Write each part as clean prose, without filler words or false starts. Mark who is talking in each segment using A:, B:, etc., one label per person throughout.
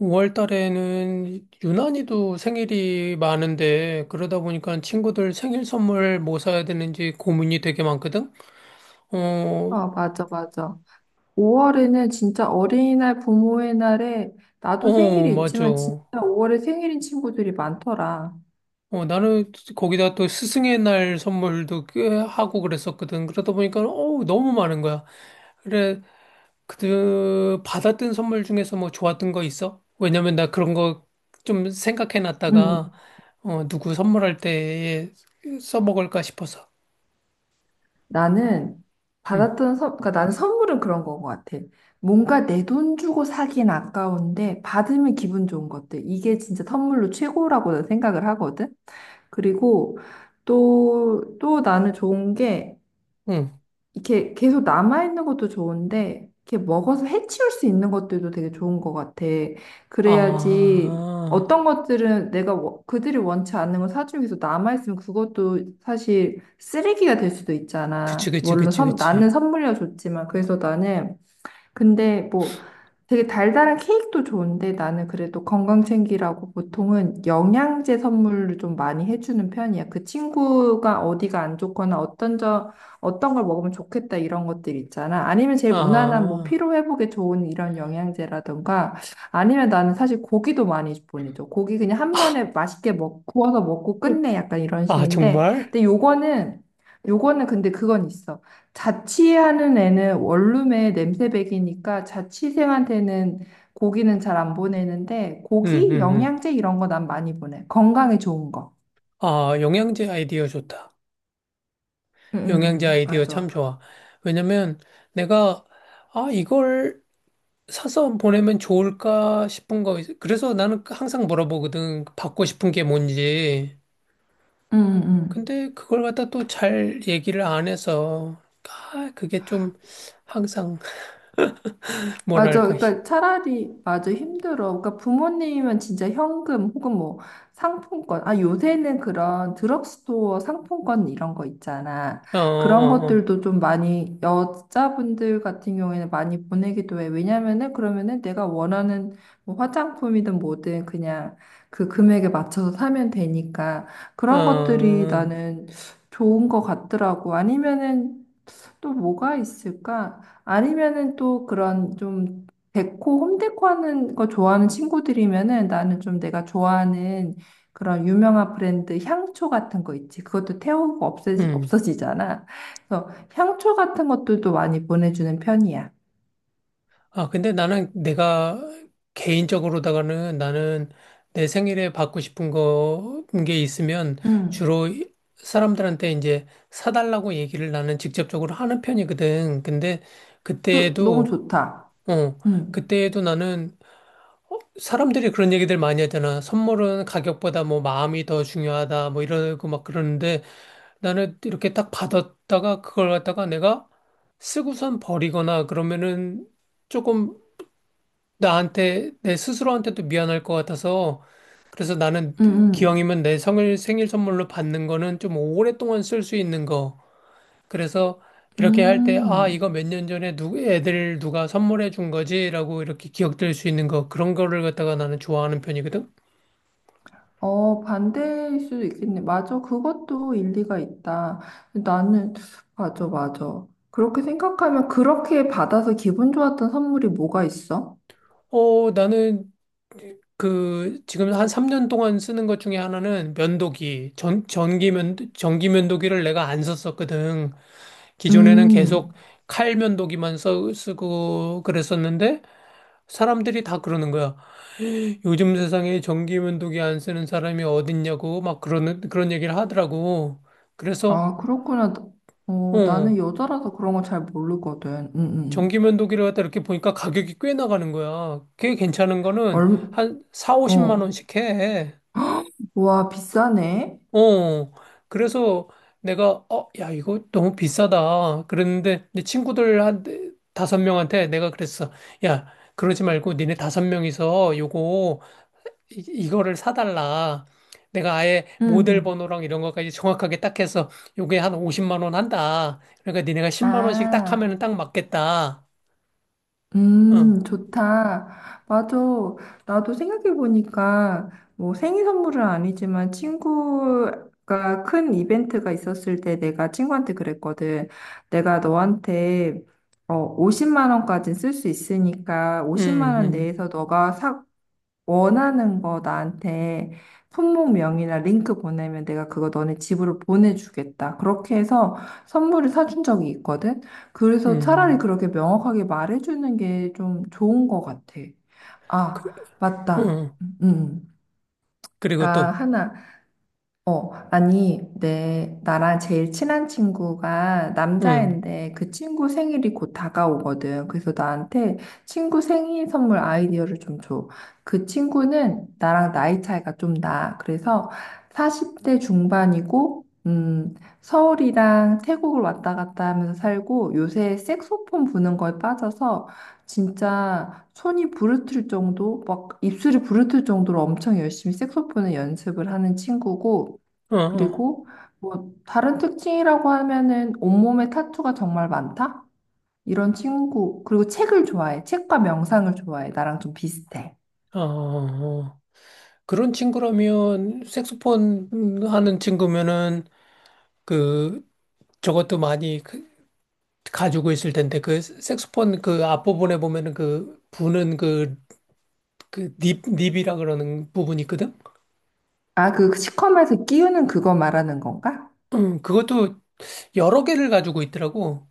A: 5월 달에는 유난히도 생일이 많은데, 그러다 보니까 친구들 생일 선물 뭐 사야 되는지 고민이 되게 많거든? 어,
B: 아, 맞아, 맞아. 5월에는 진짜 어린이날, 부모의 날에 나도
A: 어,
B: 생일이
A: 맞아.
B: 있지만 진짜 5월에 생일인 친구들이 많더라.
A: 나는 거기다 또 스승의 날 선물도 꽤 하고 그랬었거든. 그러다 보니까, 너무 많은 거야. 그래, 받았던 선물 중에서 뭐 좋았던 거 있어? 왜냐면 나 그런 거 좀 생각해
B: 음,
A: 놨다가, 누구 선물할 때 써먹을까 싶어서.
B: 나는
A: 응,
B: 그러니까 나는 선물은 그런 거 같아. 뭔가 내 돈 주고 사긴 아까운데 받으면 기분 좋은 것들. 이게 진짜 선물로 최고라고 난 생각을 하거든. 그리고 또 나는 좋은 게
A: 응.
B: 이렇게 계속 남아있는 것도 좋은데, 이렇게 먹어서 해치울 수 있는 것들도 되게 좋은 것 같아. 그래야지
A: 아,
B: 어떤 것들은 그들이 원치 않는 걸 사주면 계속 남아있으면 그것도 사실 쓰레기가 될 수도
A: 그치,
B: 있잖아.
A: 그치,
B: 물론
A: 그치,
B: 나는
A: 그치.
B: 선물이라 좋지만. 그래서 나는 근데 뭐 되게 달달한 케이크도 좋은데 나는 그래도 건강 챙기라고 보통은 영양제 선물을 좀 많이 해주는 편이야. 그 친구가 어디가 안 좋거나 어떤 걸 먹으면 좋겠다 이런 것들 있잖아. 아니면 제일 무난한 뭐
A: 아,
B: 피로 회복에 좋은 이런 영양제라던가 아니면 나는 사실 고기도 많이 보내줘. 고기 그냥 한 번에 구워서 먹고 끝내 약간 이런
A: 아,
B: 식인데
A: 정말?
B: 근데 요거는 근데 그건 있어. 자취하는 애는 원룸에 냄새배기니까 자취생한테는 고기는 잘 안 보내는데
A: 응, 응,
B: 고기,
A: 응.
B: 영양제 이런 거 난 많이 보내. 건강에 좋은 거.
A: 아, 영양제 아이디어 좋다.
B: 응, 응,
A: 영양제
B: 응.
A: 아이디어 참
B: 맞아.
A: 좋아. 왜냐면 내가, 아, 이걸 사서 보내면 좋을까 싶은 거. 그래서 나는 항상 물어보거든. 받고 싶은 게 뭔지.
B: 응, 응.
A: 근데 그걸 갖다 또 잘 얘기를 안 해서, 아, 그게 좀 항상,
B: 맞아.
A: 뭐랄까,
B: 그러니까 차라리 맞아 힘들어. 그러니까 부모님은 진짜 현금 혹은 뭐 상품권. 아, 요새는 그런 드럭스토어 상품권 이런 거 있잖아.
A: 어,
B: 그런
A: 어,
B: 것들도 좀 많이 여자분들 같은 경우에는 많이 보내기도 해. 왜냐면은 그러면은 내가 원하는 뭐 화장품이든 뭐든 그냥 그 금액에 맞춰서 사면 되니까
A: 어,
B: 그런 것들이
A: 어,
B: 나는 좋은 것 같더라고. 아니면은 또 뭐가 있을까? 아니면은 또 그런 좀 데코, 홈데코 하는 거 좋아하는 친구들이면은 나는 좀 내가 좋아하는 그런 유명한 브랜드 향초 같은 거 있지. 그것도
A: 음.
B: 없어지잖아. 그래서 향초 같은 것들도 많이 보내주는 편이야.
A: 아, 근데 나는 내가 개인적으로다가는 나는 내 생일에 받고 싶은 거, 게 있으면
B: 음.
A: 주로 사람들한테 이제 사달라고 얘기를 나는 직접적으로 하는 편이거든. 근데
B: 그, 너무
A: 그때에도,
B: 좋다.
A: 어,
B: 음.
A: 그때에도 나는 사람들이 그런 얘기들 많이 하잖아. 선물은 가격보다 뭐 마음이 더 중요하다 뭐 이러고 막 그러는데 나는 이렇게 딱 받았다가 그걸 갖다가 내가 쓰고선 버리거나 그러면은 조금 나한테, 내 스스로한테도 미안할 것 같아서, 그래서 나는
B: 음 음.
A: 기왕이면 내 생일, 생일 선물로 받는 거는 좀 오랫동안 쓸 수 있는 거. 그래서 이렇게 할 때, 아,
B: 음.
A: 이거 몇 년 전에 애들 누가 선물해 준 거지라고 이렇게 기억될 수 있는 거. 그런 거를 갖다가 나는 좋아하는 편이거든.
B: 어, 반대일 수도 있겠네. 맞아. 그것도 일리가 있다. 나는, 맞아, 맞아. 그렇게 생각하면 그렇게 받아서 기분 좋았던 선물이 뭐가 있어?
A: 나는 지금 한 3년 동안 쓰는 것 중에 하나는 면도기. 전기 면도기를 내가 안 썼었거든. 기존에는 계속
B: 음,
A: 칼 면도기만 쓰고 그랬었는데 사람들이 다 그러는 거야. 요즘 세상에 전기 면도기 안 쓰는 사람이 어딨냐고 막 그러는 그런 얘기를 하더라고. 그래서
B: 아, 그렇구나. 어,
A: 어
B: 나는 여자라서 그런 거 잘 모르거든.
A: 전기
B: 음.
A: 면도기를 갖다 이렇게 보니까 가격이 꽤 나가는 거야. 꽤 괜찮은 거는
B: 얼,
A: 한 사오십만
B: 어,
A: 원씩 해.
B: 와, 비싸네.
A: 어, 그래서 내가, 야, 이거 너무 비싸다. 그랬는데, 내 친구들 5명한테 내가 그랬어. 야, 그러지 말고 니네 5명이서 요거, 이거를 사달라. 내가 아예 모델
B: 응.
A: 번호랑 이런 것까지 정확하게 딱 해서 요게 한 50만 원 한다. 그러니까 니네가 10만 원씩 딱
B: 아.
A: 하면은 딱 맞겠다. 어,
B: 좋다. 맞아. 나도 생각해보니까, 뭐 생일 선물은 아니지만 친구가 큰 이벤트가 있었을 때 내가 친구한테 그랬거든. 내가 너한테 50만 원까지 쓸 수 있으니까
A: 음,
B: 50만 원
A: 음,
B: 내에서 원하는 거 나한테 품목명이나 링크 보내면 내가 그거 너네 집으로 보내주겠다. 그렇게 해서 선물을 사준 적이 있거든. 그래서 차라리
A: 음.
B: 그렇게 명확하게 말해주는 게 좀 좋은 것 같아.
A: 그,
B: 아, 맞다.
A: 어,
B: 음. 음. 아,
A: 그리고 또,
B: 하나. 어, 아니, 내, 나랑 제일 친한 친구가
A: 음,
B: 남자인데 그 친구 생일이 곧 다가오거든. 그래서 나한테 친구 생일 선물 아이디어를 좀 줘. 그 친구는 나랑 나이 차이가 좀 나. 그래서 40대 중반이고, 서울이랑 태국을 왔다 갔다 하면서 살고 요새 색소폰 부는 거에 빠져서 진짜 손이 부르틀 정도, 막 입술이 부르틀 정도로 엄청 열심히 색소폰을 연습을 하는 친구고,
A: 어, 어,
B: 그리고 뭐 다른 특징이라고 하면은 온몸에 타투가 정말 많다? 이런 친구. 그리고 책을 좋아해. 책과 명상을 좋아해. 나랑 좀 비슷해.
A: 어. 어, 어. 그런 친구라면 색소폰 하는 친구면은 그 저것도 많이 그- 가지고 있을 텐데 그 색소폰 그 앞부분에 보면은 그 부는 그 닙 닙이라 그러는 부분이 있거든.
B: 아, 그 시커멓게 끼우는 그거 말하는 건가?
A: 그것도 여러 개를 가지고 있더라고.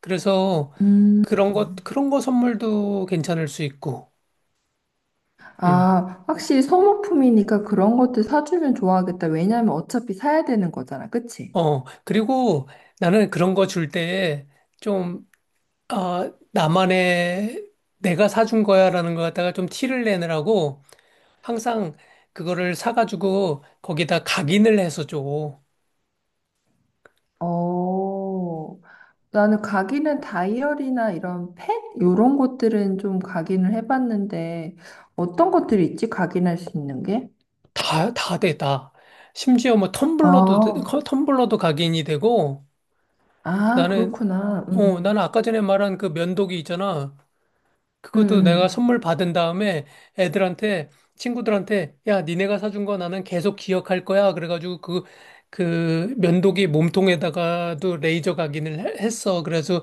A: 그래서
B: 음.
A: 그런 것 그런 거 선물도 괜찮을 수 있고. 음.
B: 아, 확실히 소모품이니까 그런 것들 사주면 좋아하겠다. 왜냐면 어차피 사야 되는 거잖아. 그치?
A: 그리고 나는 그런 거 줄 때좀 아, 나만의 내가 사준 거야라는 거 갖다가 좀 티를 내느라고 항상 그거를 사가지고 거기다 각인을 해서 줘.
B: 어. 나는 가기는 다이어리나 이런 펫? 이런 것들은 좀 가기는 해봤는데, 어떤 것들이 있지? 가기는 할 수 있는 게?
A: 다, 다 돼, 다. 심지어 뭐 텀블러도,
B: 아,
A: 텀블러도 각인이 되고
B: 아,
A: 나는,
B: 그렇구나. 응,
A: 어,
B: 응,
A: 나는 아까 전에 말한 그 면도기 있잖아.
B: 응.
A: 그것도 내가
B: 응.
A: 선물 받은 다음에 애들한테, 친구들한테, 야, 니네가 사준 거 나는 계속 기억할 거야. 그래가지고 그, 그 면도기 몸통에다가도 레이저 각인을 했어. 그래서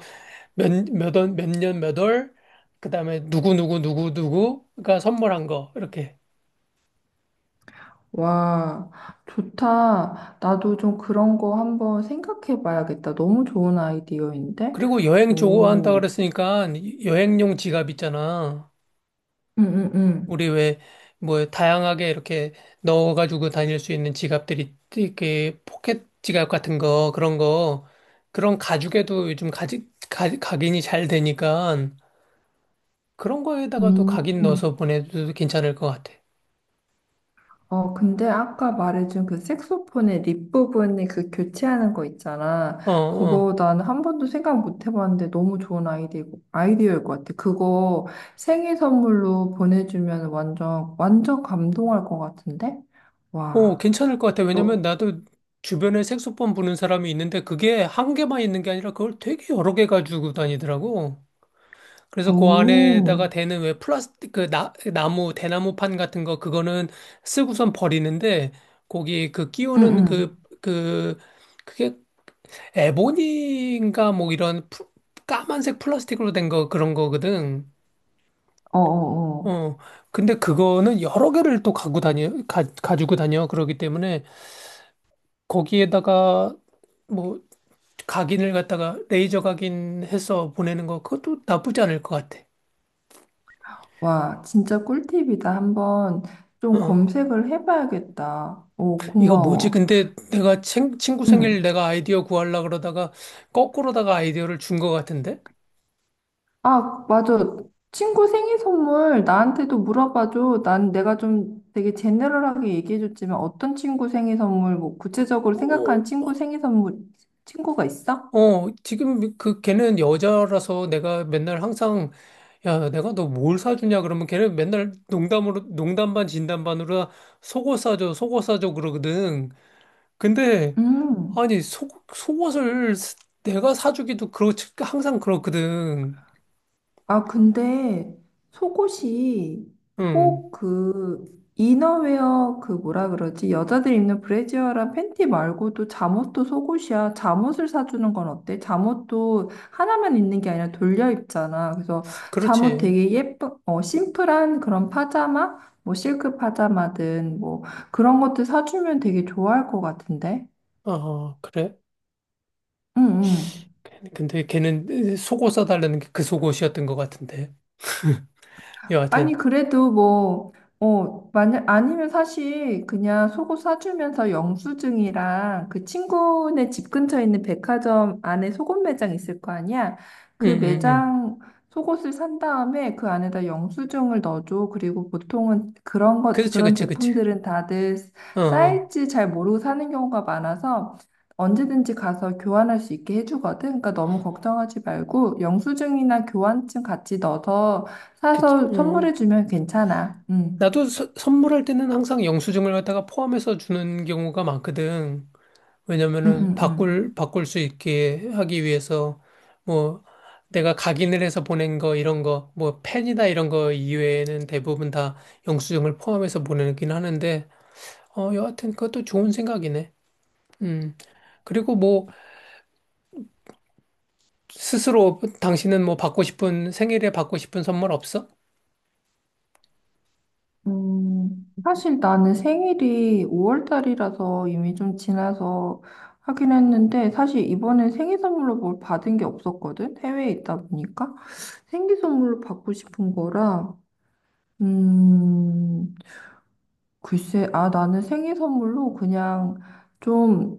A: 몇, 몇 원, 몇 년, 몇 월, 그 다음에 누구누구가 선물한 거. 이렇게.
B: 와, 좋다. 나도 좀 그런 거 한번 생각해 봐야겠다. 너무 좋은 아이디어인데?
A: 그리고 여행 좋아한다
B: 오,
A: 그랬으니까 여행용 지갑 있잖아.
B: 응, 응, 응.
A: 우리 왜, 뭐, 다양하게 이렇게 넣어가지고 다닐 수 있는 지갑들이, 이렇게 포켓 지갑 같은 거, 그런 거, 그런 가죽에도 요즘 각인이 잘 되니까, 그런 거에다가도 각인
B: 음.
A: 넣어서 보내도 괜찮을 것 같아.
B: 어, 근데 아까 말해준 그 색소폰의 립 부분이 그 교체하는 거 있잖아.
A: 어, 어.
B: 그거 난 한 번도 생각 못 해봤는데 너무 좋은 아이디어일 것 같아. 그거 생일 선물로 보내주면 완전, 완전 감동할 것 같은데?
A: 어,
B: 와,
A: 괜찮을 것 같아.
B: 너,
A: 왜냐면 나도 주변에 색소폰 부는 사람이 있는데, 그게 한 개만 있는 게 아니라 그걸 되게 여러 개 가지고 다니더라고. 그래서 그
B: 오,
A: 안에다가 대는 왜 플라스틱 그 나무 대나무판 같은 거 그거는 쓰고선 버리는데 거기 그
B: 응,
A: 끼우는
B: 응,
A: 그게 에보니인가 뭐 이런 까만색 플라스틱으로 된 거 그런 거거든.
B: 어어어.
A: 어. 근데 그거는 여러 개를 또 갖고 다녀 가지고 다녀 그러기 때문에 거기에다가 뭐 각인을 갖다가 레이저 각인해서 보내는 거 그것도 나쁘지 않을 것 같아.
B: 와, 진짜 꿀팁이다. 한번 좀
A: 어.
B: 검색을 해봐야겠다. 오,
A: 이거 뭐지?
B: 고마워.
A: 근데 내가 친구 생일
B: 응.
A: 내가 아이디어 구하려 그러다가 거꾸로다가 아이디어를 준 것 같은데?
B: 아, 맞아. 친구 생일 선물 나한테도 물어봐줘. 난 내가 좀 되게 제네럴하게 얘기해줬지만 어떤 친구 생일 선물, 뭐 구체적으로
A: 어,
B: 생각한 친구 생일 선물, 친구가 있어?
A: 어, 지금 걔는 여자라서 내가 맨날 항상 야, 내가 너 뭘 사주냐 그러면 걔는 맨날 농담으로 농담 반 진담 반으로 속옷 사줘, 속옷 사줘 그러거든. 근데
B: 음.
A: 아니, 속 속옷을 스- 내가 사주기도 그렇지 항상 그렇거든.
B: 아, 근데 속옷이
A: 음.
B: 꼭 그 이너웨어 그 뭐라 그러지? 여자들 입는 브래지어랑 팬티 말고도 잠옷도 속옷이야. 잠옷을 사주는 건 어때? 잠옷도 하나만 입는 게 아니라 돌려 입잖아. 그래서 잠옷
A: 그렇지.
B: 되게 예쁜, 어, 심플한 그런 파자마? 뭐 실크 파자마든 뭐 그런 것도 사주면 되게 좋아할 것 같은데?
A: 아, 그래?
B: 응, 응.
A: 근데 걔는 속옷 사달라는 게 그 속옷이었던 것 같은데.
B: 아니,
A: 여하튼.
B: 그래도 뭐, 어, 만약, 아니면 사실 그냥 속옷 사주면서 영수증이랑 그 친구네 집 근처에 있는 백화점 안에 속옷 매장 있을 거 아니야?
A: 응,
B: 그
A: 응, 응.
B: 매장 속옷을 산 다음에 그 안에다 영수증을 넣어줘. 그리고 보통은
A: 그치,
B: 그런
A: 그치, 그치.
B: 제품들은 다들
A: 어, 어.
B: 사이즈 잘 모르고 사는 경우가 많아서 언제든지 가서 교환할 수 있게 해주거든. 그러니까 너무 걱정하지 말고 영수증이나 교환증 같이 넣어서
A: 그
B: 사서
A: 어.
B: 선물해주면 괜찮아. 응,
A: 나도 선물할 때는 항상 영수증을 갖다가 포함해서 주는 경우가 많거든.
B: 응,
A: 왜냐면은
B: 응, 응.
A: 바꿀 수 있게 하기 위해서 뭐 내가 각인을 해서 보낸 거 이런 거, 뭐 펜이나 이런 거 이외에는 대부분 다 영수증을 포함해서 보내긴 하는데, 여하튼 그것도 좋은 생각이네. 음. 그리고 뭐 스스로 당신은 뭐 받고 싶은 생일에 받고 싶은 선물 없어?
B: 사실 나는 생일이 5월 달이라서 이미 좀 지나서 하긴 했는데, 사실 이번에 생일 선물로 뭘 받은 게 없었거든? 해외에 있다 보니까. 생일 선물로 받고 싶은 거라, 음, 글쎄, 아, 나는 생일 선물로 그냥 좀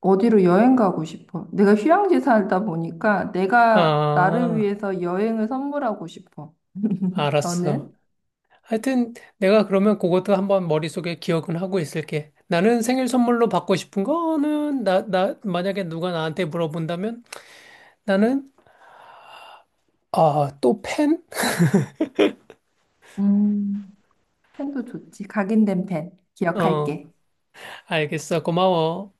B: 어디로 여행 가고 싶어. 내가 휴양지 살다 보니까 내가 나를
A: 아,
B: 위해서 여행을 선물하고 싶어. 너는?
A: 알았어. 하여튼 내가 그러면 그것도 한번 머릿속에 기억은 하고 있을게. 나는 생일 선물로 받고 싶은 거는 나 만약에 누가 나한테 물어본다면 나는 아, 또 펜?
B: 음, 펜도 좋지. 각인된 펜.
A: 어,
B: 기억할게.
A: 알겠어. 고마워.